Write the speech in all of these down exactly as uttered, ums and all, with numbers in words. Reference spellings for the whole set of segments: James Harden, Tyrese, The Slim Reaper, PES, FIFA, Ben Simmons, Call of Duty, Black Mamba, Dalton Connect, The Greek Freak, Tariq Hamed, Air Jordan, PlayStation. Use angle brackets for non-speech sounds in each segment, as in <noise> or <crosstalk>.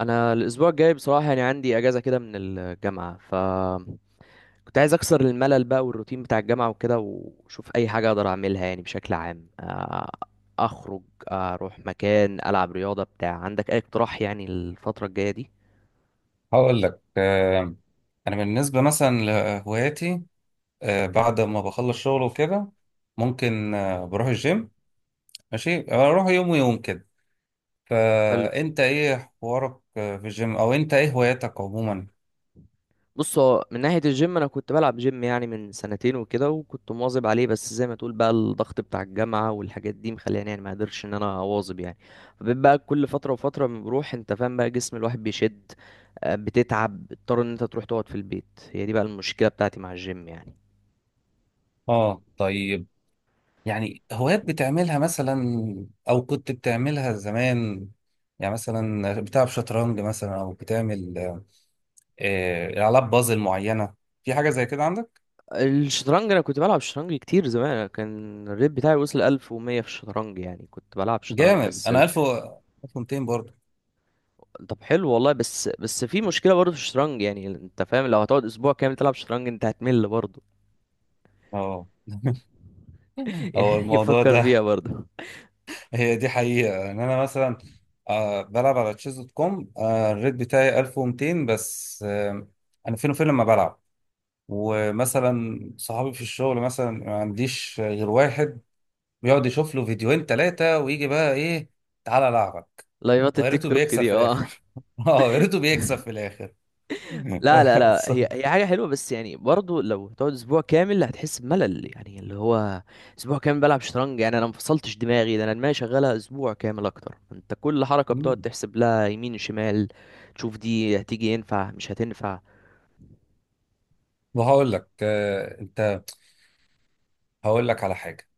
انا الاسبوع الجاي بصراحه يعني عندي اجازه كده من الجامعه ف كنت عايز اكسر الملل بقى والروتين بتاع الجامعه وكده واشوف اي حاجه اقدر اعملها يعني بشكل عام آه، اخرج. آه، اروح مكان العب رياضه. بتاع عندك اي اقتراح يعني الفتره الجايه دي؟ هقول لك آه، انا بالنسبه مثلا لهواياتي. آه، بعد ما بخلص شغل وكده ممكن آه، بروح الجيم. ماشي، اروح يوم ويوم كده. فانت ايه حوارك آه، في الجيم، او انت ايه هواياتك عموما؟ بص، هو من ناحية الجيم أنا كنت بلعب جيم يعني من سنتين وكده، وكنت مواظب عليه، بس زي ما تقول بقى الضغط بتاع الجامعة والحاجات دي مخليني يعني ما قدرتش إن أنا أواظب يعني. فبقيت بقى كل فترة وفترة بنروح، أنت فاهم بقى جسم الواحد بيشد، آه، بتتعب، بتضطر إن أنت تروح تقعد في البيت. هي دي بقى المشكلة بتاعتي مع الجيم يعني. اه طيب. يعني هوايات بتعملها مثلا، او كنت بتعملها زمان؟ يعني مثلا بتلعب شطرنج مثلا، او بتعمل آه، آه، العاب بازل معينه؟ في حاجه زي كده عندك؟ الشطرنج أنا كنت بلعب شطرنج كتير زمان، أنا كان الريت بتاعي وصل ألف ومية في الشطرنج، يعني كنت بلعب شطرنج جامد. بس. انا ألف و- ألف ومئتين برضه. طب حلو والله، بس بس في مشكله برضه في الشطرنج، يعني انت فاهم لو هتقعد اسبوع كامل تلعب شطرنج انت هتمل برضه. اه. <laughs> <laughs> هو يعني الموضوع فكر ده، فيها برضه. هي دي حقيقة ان انا مثلا آه، بلعب على تشيز دوت كوم. آه، الريت بتاعي ألف ومئتين بس. آه، انا فين وفين لما بلعب. ومثلا صحابي في الشغل مثلا ما عنديش غير واحد بيقعد يشوف له فيديوهين ثلاثة ويجي بقى ايه، تعالى العبك. لايفات ويا التيك ريته توك بيكسب دي، في اه. <laughs> الاخر. <laughs> اه، يا ريته بيكسب في الاخر. لا لا <laughs> لا صح. هي هي حاجه حلوه، بس يعني برضه لو هتقعد اسبوع كامل هتحس بملل، يعني اللي هو اسبوع كامل بلعب شطرنج، يعني انا ما فصلتش دماغي. ده انا دماغي شغاله اسبوع كامل اكتر، انت كل حركه بتقعد مم. تحسب لها يمين شمال، تشوف دي هتيجي ينفع مش هتنفع. وهقول لك آه، انت، هقول لك على حاجة.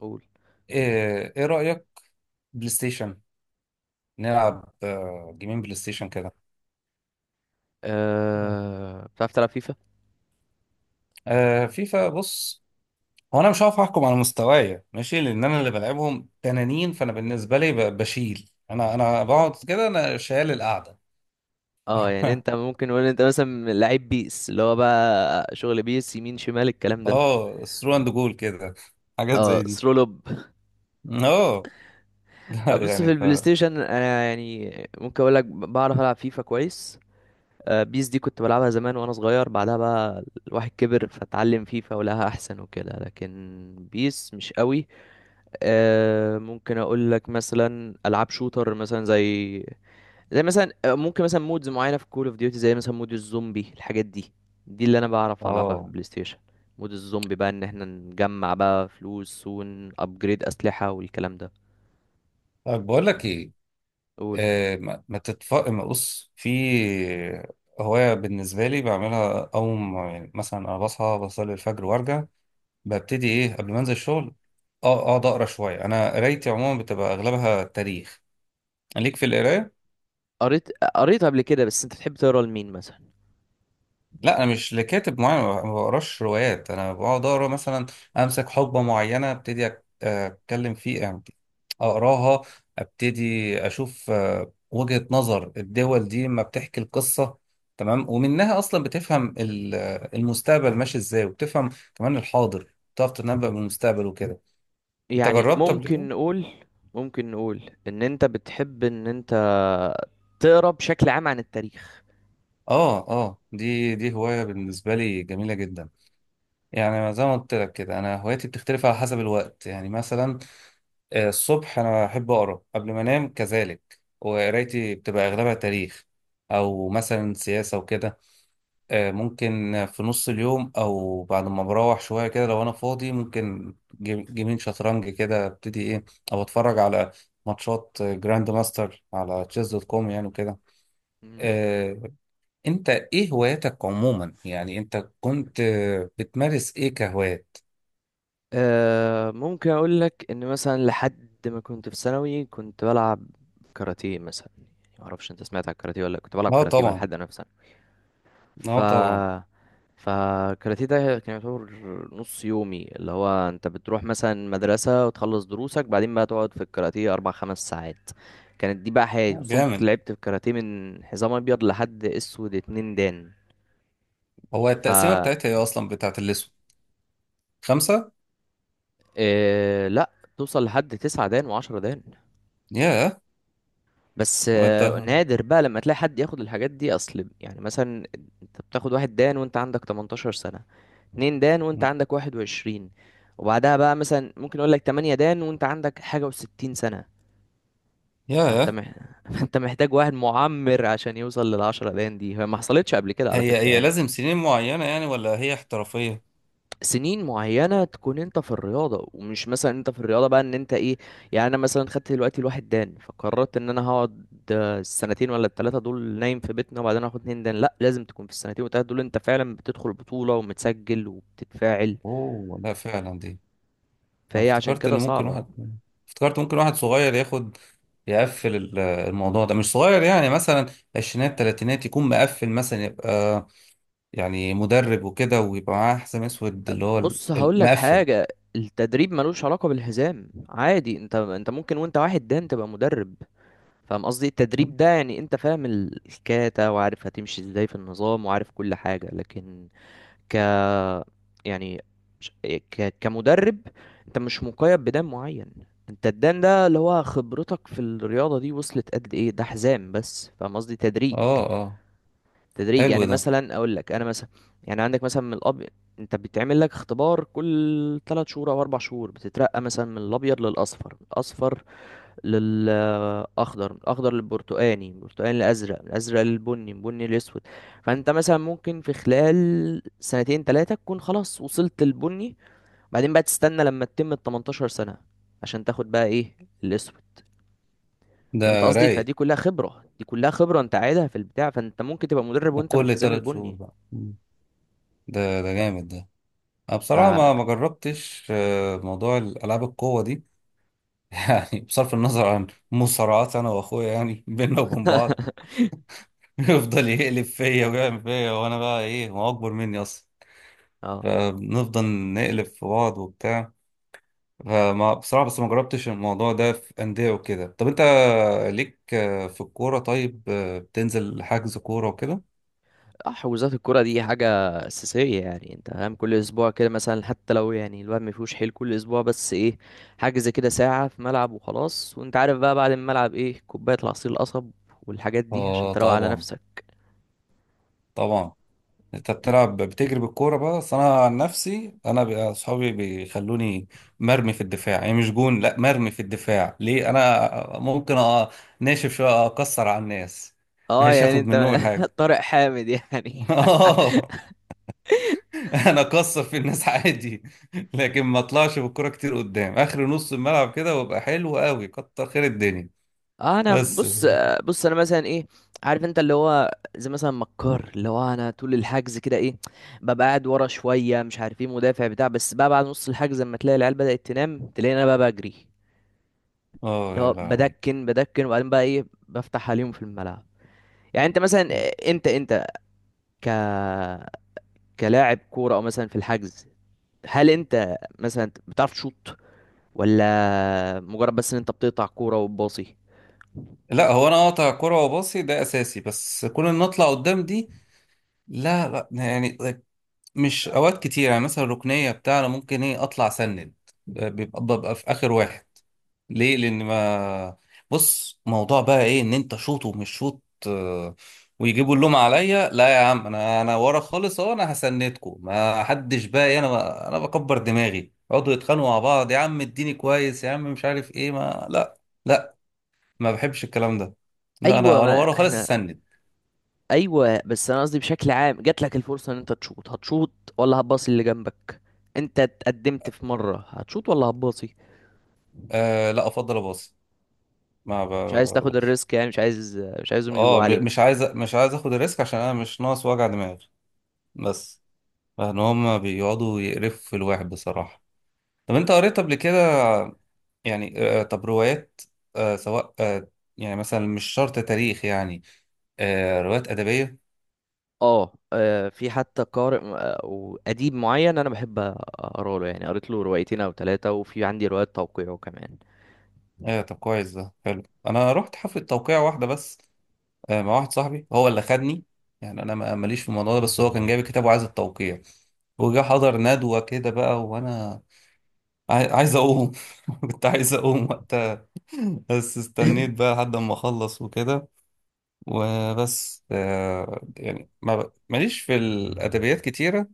قول. ايه إيه رأيك؟ بلاي ستيشن، نلعب آه، جيمين بلاي ستيشن كده. تمام. أه... بتعرف تلعب فيفا؟ آه، فيفا. بص، هو انا مش هعرف احكم على مستواي ماشي، لان انا اللي بلعبهم تنانين. فانا بالنسبه لي ب- بشيل، انا انا بقعد كده، انا شايل القعده. اه، يعني انت <laughs> ممكن نقول انت مثلا لعيب بيس، اللي هو بقى شغل بيس يمين شمال الكلام ده. اه، ثرو اند جول كده، حاجات اه، زي دي. ثرو لوب. اه. <laughs> ده ابص يعني في ف البلاي ستيشن انا يعني ممكن اقول لك بعرف العب فيفا كويس. آه، بيس دي كنت بلعبها زمان وانا صغير، بعدها بقى الواحد كبر فتعلم فيفا ولها احسن وكده، لكن بيس مش قوي. آه، ممكن اقول لك مثلا العاب شوتر، مثلا زي زي مثلا آه، ممكن مثلا مودز معينه في كول اوف ديوتي، زي مثلا مود الزومبي، الحاجات دي. دي اللي انا بعرف العبها في اه. البلاي ستيشن. مود الزومبي بقى، ان احنا نجمع بقى فلوس ونابجريد اسلحه والكلام ده. طب بقول لك ايه. قول. آه ما, ما تتف ما بص، في هوايه بالنسبه لي بعملها اقوم. يعني مثلا انا بصحى بصلي الفجر وارجع، ببتدي ايه قبل ما انزل الشغل، اه اقعد اقرا شويه. انا قرايتي عموما بتبقى اغلبها تاريخ. ليك في القرايه؟ قريت قريت قبل كده، بس انت بتحب تقرا لمين مثلا؟ لا، انا مش لكاتب معين. ما ما بقراش روايات. انا بقعد اقرا مثلا، امسك حقبه معينه، ابتدي أك- اتكلم فيه يعني، اقراها، ابتدي اشوف آه، وجهة نظر الدول دي ما بتحكي القصة. تمام. ومنها اصلا بتفهم ال- آه، المستقبل ماشي ازاي، وبتفهم كمان الحاضر، بتعرف تنبأ بالمستقبل وكده. انت يعني جربت قبل كده؟ ممكن نقول، ممكن نقول ان انت بتحب ان انت تقرا بشكل عام عن التاريخ. اه، اه، دي دي هواية بالنسبة لي جميلة جدا. يعني زي ما قلت لك كده، انا هواياتي بتختلف على حسب الوقت. يعني مثلا آه، الصبح انا بحب اقرا قبل ما انام كذلك، وقرايتي بتبقى اغلبها تاريخ، او مثلا سياسة وكده. آه، ممكن في نص اليوم، او بعد ما بروح شوية كده لو انا فاضي، ممكن جيم- جيمين شطرنج كده، ابتدي ايه، او اتفرج على ماتشات جراند ماستر على تشيز دوت كوم يعني وكده. مم. آه، انت ايه هواياتك عموما؟ يعني انت كنت بتمارس ايه كهوايات؟ آه، ممكن اقول لك ان مثلا لحد ما كنت في ثانوي كنت بلعب كاراتيه مثلا. ما اعرفش انت سمعت على الكاراتيه ولا لأ، كنت بلعب اه كاراتيه وانا طبعا، لحد انا في ثانوي. ف اه طبعا. فالكاراتيه ده كان يعتبر نص يومي، اللي هو انت بتروح مثلا مدرسة وتخلص دروسك، بعدين بقى تقعد في الكاراتيه اربع خمس ساعات. كانت دي بقى حياتي. آه، وصلت جامد. لعبت في الكاراتيه من حزام ابيض لحد اسود اتنين دان. هو ف التقسيمه بتاعتها ايه اصلا بتاعت الاسود، خمسه؟ آه لا، توصل لحد تسعة دان وعشرة دان. ياه. بس هو انت آه، نادر بقى لما تلاقي حد ياخد الحاجات دي، اصل يعني مثلا انت بتاخد واحد دان وانت عندك تمنتاشر سنة، اتنين دان وانت عندك واحد وعشرين، وبعدها بقى مثلا ممكن اقول لك ثمانية دان وانت عندك حاجة و60 سنة. فانت ياه. مح... <laughs> فانت محتاج واحد معمر عشان يوصل للعشرة دان دي. هي ما حصلتش قبل كده على هي فكرة هي يعني. لازم سنين معينه يعني، ولا هي احترافيه؟ سنين معينة تكون انت في الرياضة، ومش مثلا انت في الرياضة بقى ان انت ايه، يعني انا مثلا خدت دلوقتي الواحد دان فقررت ان انا هقعد آه، السنتين ولا التلاتة دول نايم في بيتنا وبعدين هاخد اتنين دان. لا، لازم تكون في السنتين والتلاتة دول انت فعلا بتدخل بطولة ومتسجل وبتتفاعل. اوه، لا فعلا دي. انا فهي عشان افتكرت ان كده ممكن صعبة. واحد، افتكرت ممكن واحد صغير ياخد، يقفل ال- الموضوع ده، مش صغير يعني. مثلا عشرينات تلاتينات يكون مقفل مثلا، يبقى يعني مدرب وكده، ويبقى معاه حزام اسود اللي هو ال- بص هقول لك المقفل. حاجة. التدريب ملوش علاقة بالحزام، عادي انت انت ممكن وانت واحد دان تبقى مدرب. فاهم قصدي؟ التدريب ده يعني انت فاهم ال- الكاتا وعارف هتمشي ازاي في النظام وعارف كل حاجة، لكن ك يعني مش- ك... كمدرب انت مش مقيد بدان معين. انت الدان ده اللي هو خبرتك في الرياضة دي وصلت قد ايه، ده حزام بس. فاهم قصدي؟ تدريج، اه، اه. تدريج حلو يعني ده مثلا اقول لك انا مثلا يعني عندك مثلا من الاب، انت بيتعمل لك اختبار كل ثلاثة شهور او اربع شهور، بتترقى مثلا من الابيض للاصفر، الاصفر للاخضر، من الاخضر للبرتقاني، من البرتقاني للازرق، من الازرق للبني، من البني للاسود. فانت مثلا ممكن في خلال سنتين ثلاثه تكون خلاص وصلت للبني، بعدين بقى تستنى لما تتم ال تمنتاشر سنه عشان تاخد بقى ايه، الاسود. فهمت ده قصدي؟ رايق. فدي كلها خبره دي كلها خبره انت عايزها في البتاع، فانت ممكن تبقى مدرب وانت وكل بالحزام تلات شهور البني. بقى. مم. ده ده جامد ده. انا ف بصراحة ما ما جربتش آه، موضوع الالعاب القوة دي. <laughs> يعني بصرف النظر عن مصارعات انا واخويا يعني <laughs> بينا وبين بعض، <laughs> يفضل يقلب فيا ويعمل فيا، وانا بقى ايه، هو اكبر مني اصلا. اه فبنفضل نقلب في بعض وبتاع. فما بصراحة بس ما جربتش الموضوع ده في أندية وكده. طب أنت ليك آه، في الكورة؟ طيب، آه، بتنزل حجز كورة وكده؟ حجوزات الكرة دي حاجة أساسية يعني. أنت فاهم كل أسبوع كده مثلا، حتى لو يعني الواحد مفيهوش حيل كل أسبوع بس إيه، حجز كده ساعة في ملعب وخلاص. وأنت عارف بقى بعد الملعب إيه، كوباية العصير القصب والحاجات دي عشان آه تروق على طبعا، نفسك. طبعا. أنت بتلعب بتجري بالكورة بقى؟ أصل أنا عن نفسي، أنا بي- أصحابي بيخلوني مرمي في الدفاع. يعني مش جون، لا مرمي في الدفاع. ليه؟ أنا ممكن أ- ناشف شوية أكسر على الناس، أه مش يعني هاخد أنت منهم <laughs> الحاجة. طارق حامد يعني. <laughs> <laughs> انا اكسر في الناس عادي، لكن ما اطلعش بالكرة كتير قدام اخر نص الملعب كده، وابقى حلو قوي كتر خير الدنيا آه أنا بس. بص، بص أنا مثلا إيه، عارف أنت اللي هو زي مثلا مكار، اللي هو أنا طول الحجز كده إيه، ببقى قاعد ورا شوية، مش عارف إيه، مدافع بتاع، بس بقى بعد نص الحجز لما تلاقي العيال بدأت تنام تلاقيني أنا بقى بجري، اه اللي هو يا لهوي. بدكن بدكن، وبعدين بقى ايه، بفتح عليهم في الملعب. يعني انت مثلا، انت انت ك كلاعب كورة، او مثلا في الحجز، هل انت مثلا بتعرف تشوط، ولا مجرد بس ان انت بتقطع كورة وتباصي؟ لا، هو انا اقطع كرة وباصي، ده اساسي. بس كون ان اطلع قدام دي، لا لا. يعني مش اوقات كتير. يعني مثلا الركنيه بتاع، انا ممكن ايه اطلع سند، بيبقى ببقى في اخر واحد. ليه؟ لان ما بص، موضوع بقى ايه، ان انت شوط ومش شوط آه، ويجيبوا اللوم عليا. لا يا عم، انا انا ورا خالص، اهو انا هسندكم، ما حدش بقى إيه، انا انا بكبر دماغي، يقعدوا يتخانقوا مع بعض، يا عم اديني كويس، يا عم مش عارف ايه، ما لا. لا ما بحبش الكلام ده. لا انا ايوه ورا ما ورا خالص احنا، اسند. ايوه بس انا قصدي بشكل عام، جات لك الفرصة ان انت تشوط، هتشوط ولا هتباصي اللي جنبك؟ انت اتقدمت في مرة، هتشوط ولا هتباصي؟ أه لا، افضل اباصي. ما ب... مش عايز تاخد الريسك يعني، مش عايز مش عايزهم يجيبوا اه عليك. م- مش عايز مش عايز اخد الريسك، عشان انا مش ناقص وجع دماغ بس. لان هما بيقعدوا يقرفوا في الواحد بصراحة. طب انت قريت قبل كده؟ يعني آه، طب روايات، آه، سواء آه، يعني مثلا مش شرط تاريخ يعني، آه، روايات أدبية؟ اه، آه، في حتى قارئ م- آه، وأديب معين أنا بحب أقرأ له، يعني قريت له روايتين أو ثلاثة وفي عندي روايات توقيعه كمان. آه، طب كويس، ده حلو. انا رحت حفلة توقيع واحدة بس، آه، مع واحد صاحبي هو اللي خدني. يعني انا ما- ماليش في الموضوع ده، بس هو كان جايب الكتاب وعايز التوقيع، وجا حضر ندوة كده بقى. وانا عاي- عايز اقوم، <laughs> كنت عايز اقوم، بس استنيت بقى لحد ما اخلص وكده. وبس آه، يعني ما ب- ماليش في الادبيات كتيره.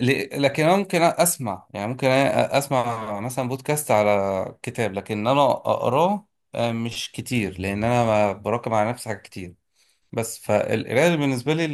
ل- لكن انا ممكن اسمع، يعني ممكن أ- اسمع مثلا بودكاست على كتاب، لكن انا اقراه آه، مش كتير، لان انا ما براكم على نفسي حاجات كتير بس. فالقرايه اللي بالنسبه لي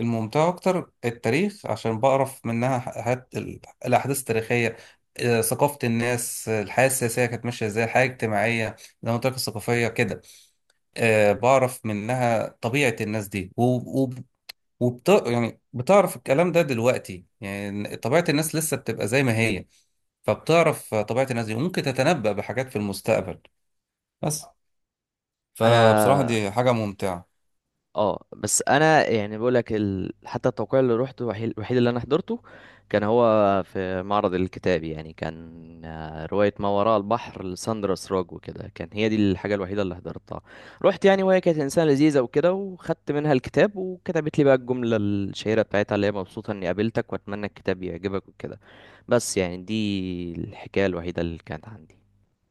الممتعه اكتر التاريخ، عشان بعرف منها حاجات ال- الاحداث التاريخيه، آه، ثقافه الناس، آه، الحياه السياسيه كانت ماشيه ازاي، الحياه الاجتماعيه زي ما قلت لك، الثقافيه كده. آه، بعرف منها طبيعة الناس دي و... و... وبت... يعني بتعرف الكلام ده، دلوقتي يعني طبيعة الناس لسه بتبقى زي ما هي. فبتعرف طبيعة الناس دي، وممكن تتنبأ بحاجات في المستقبل بس. فبصراحة أنا دي حاجة ممتعة. اه، بس انا يعني بقول لك ال... حتى التوقيع اللي روحته، الوحيد الوحيد اللي انا حضرته، كان هو في معرض الكتاب يعني، كان آه، رواية ما وراء البحر لساندرا سراج وكده، كان هي دي الحاجة الوحيدة اللي حضرتها. رحت يعني، وهي كانت انسانة لذيذة وكده، وخدت منها الكتاب وكتبت لي بقى الجملة الشهيرة بتاعتها، اللي هي مبسوطة اني قابلتك واتمنى الكتاب يعجبك وكده. بس يعني دي الحكاية الوحيدة اللي كانت عندي.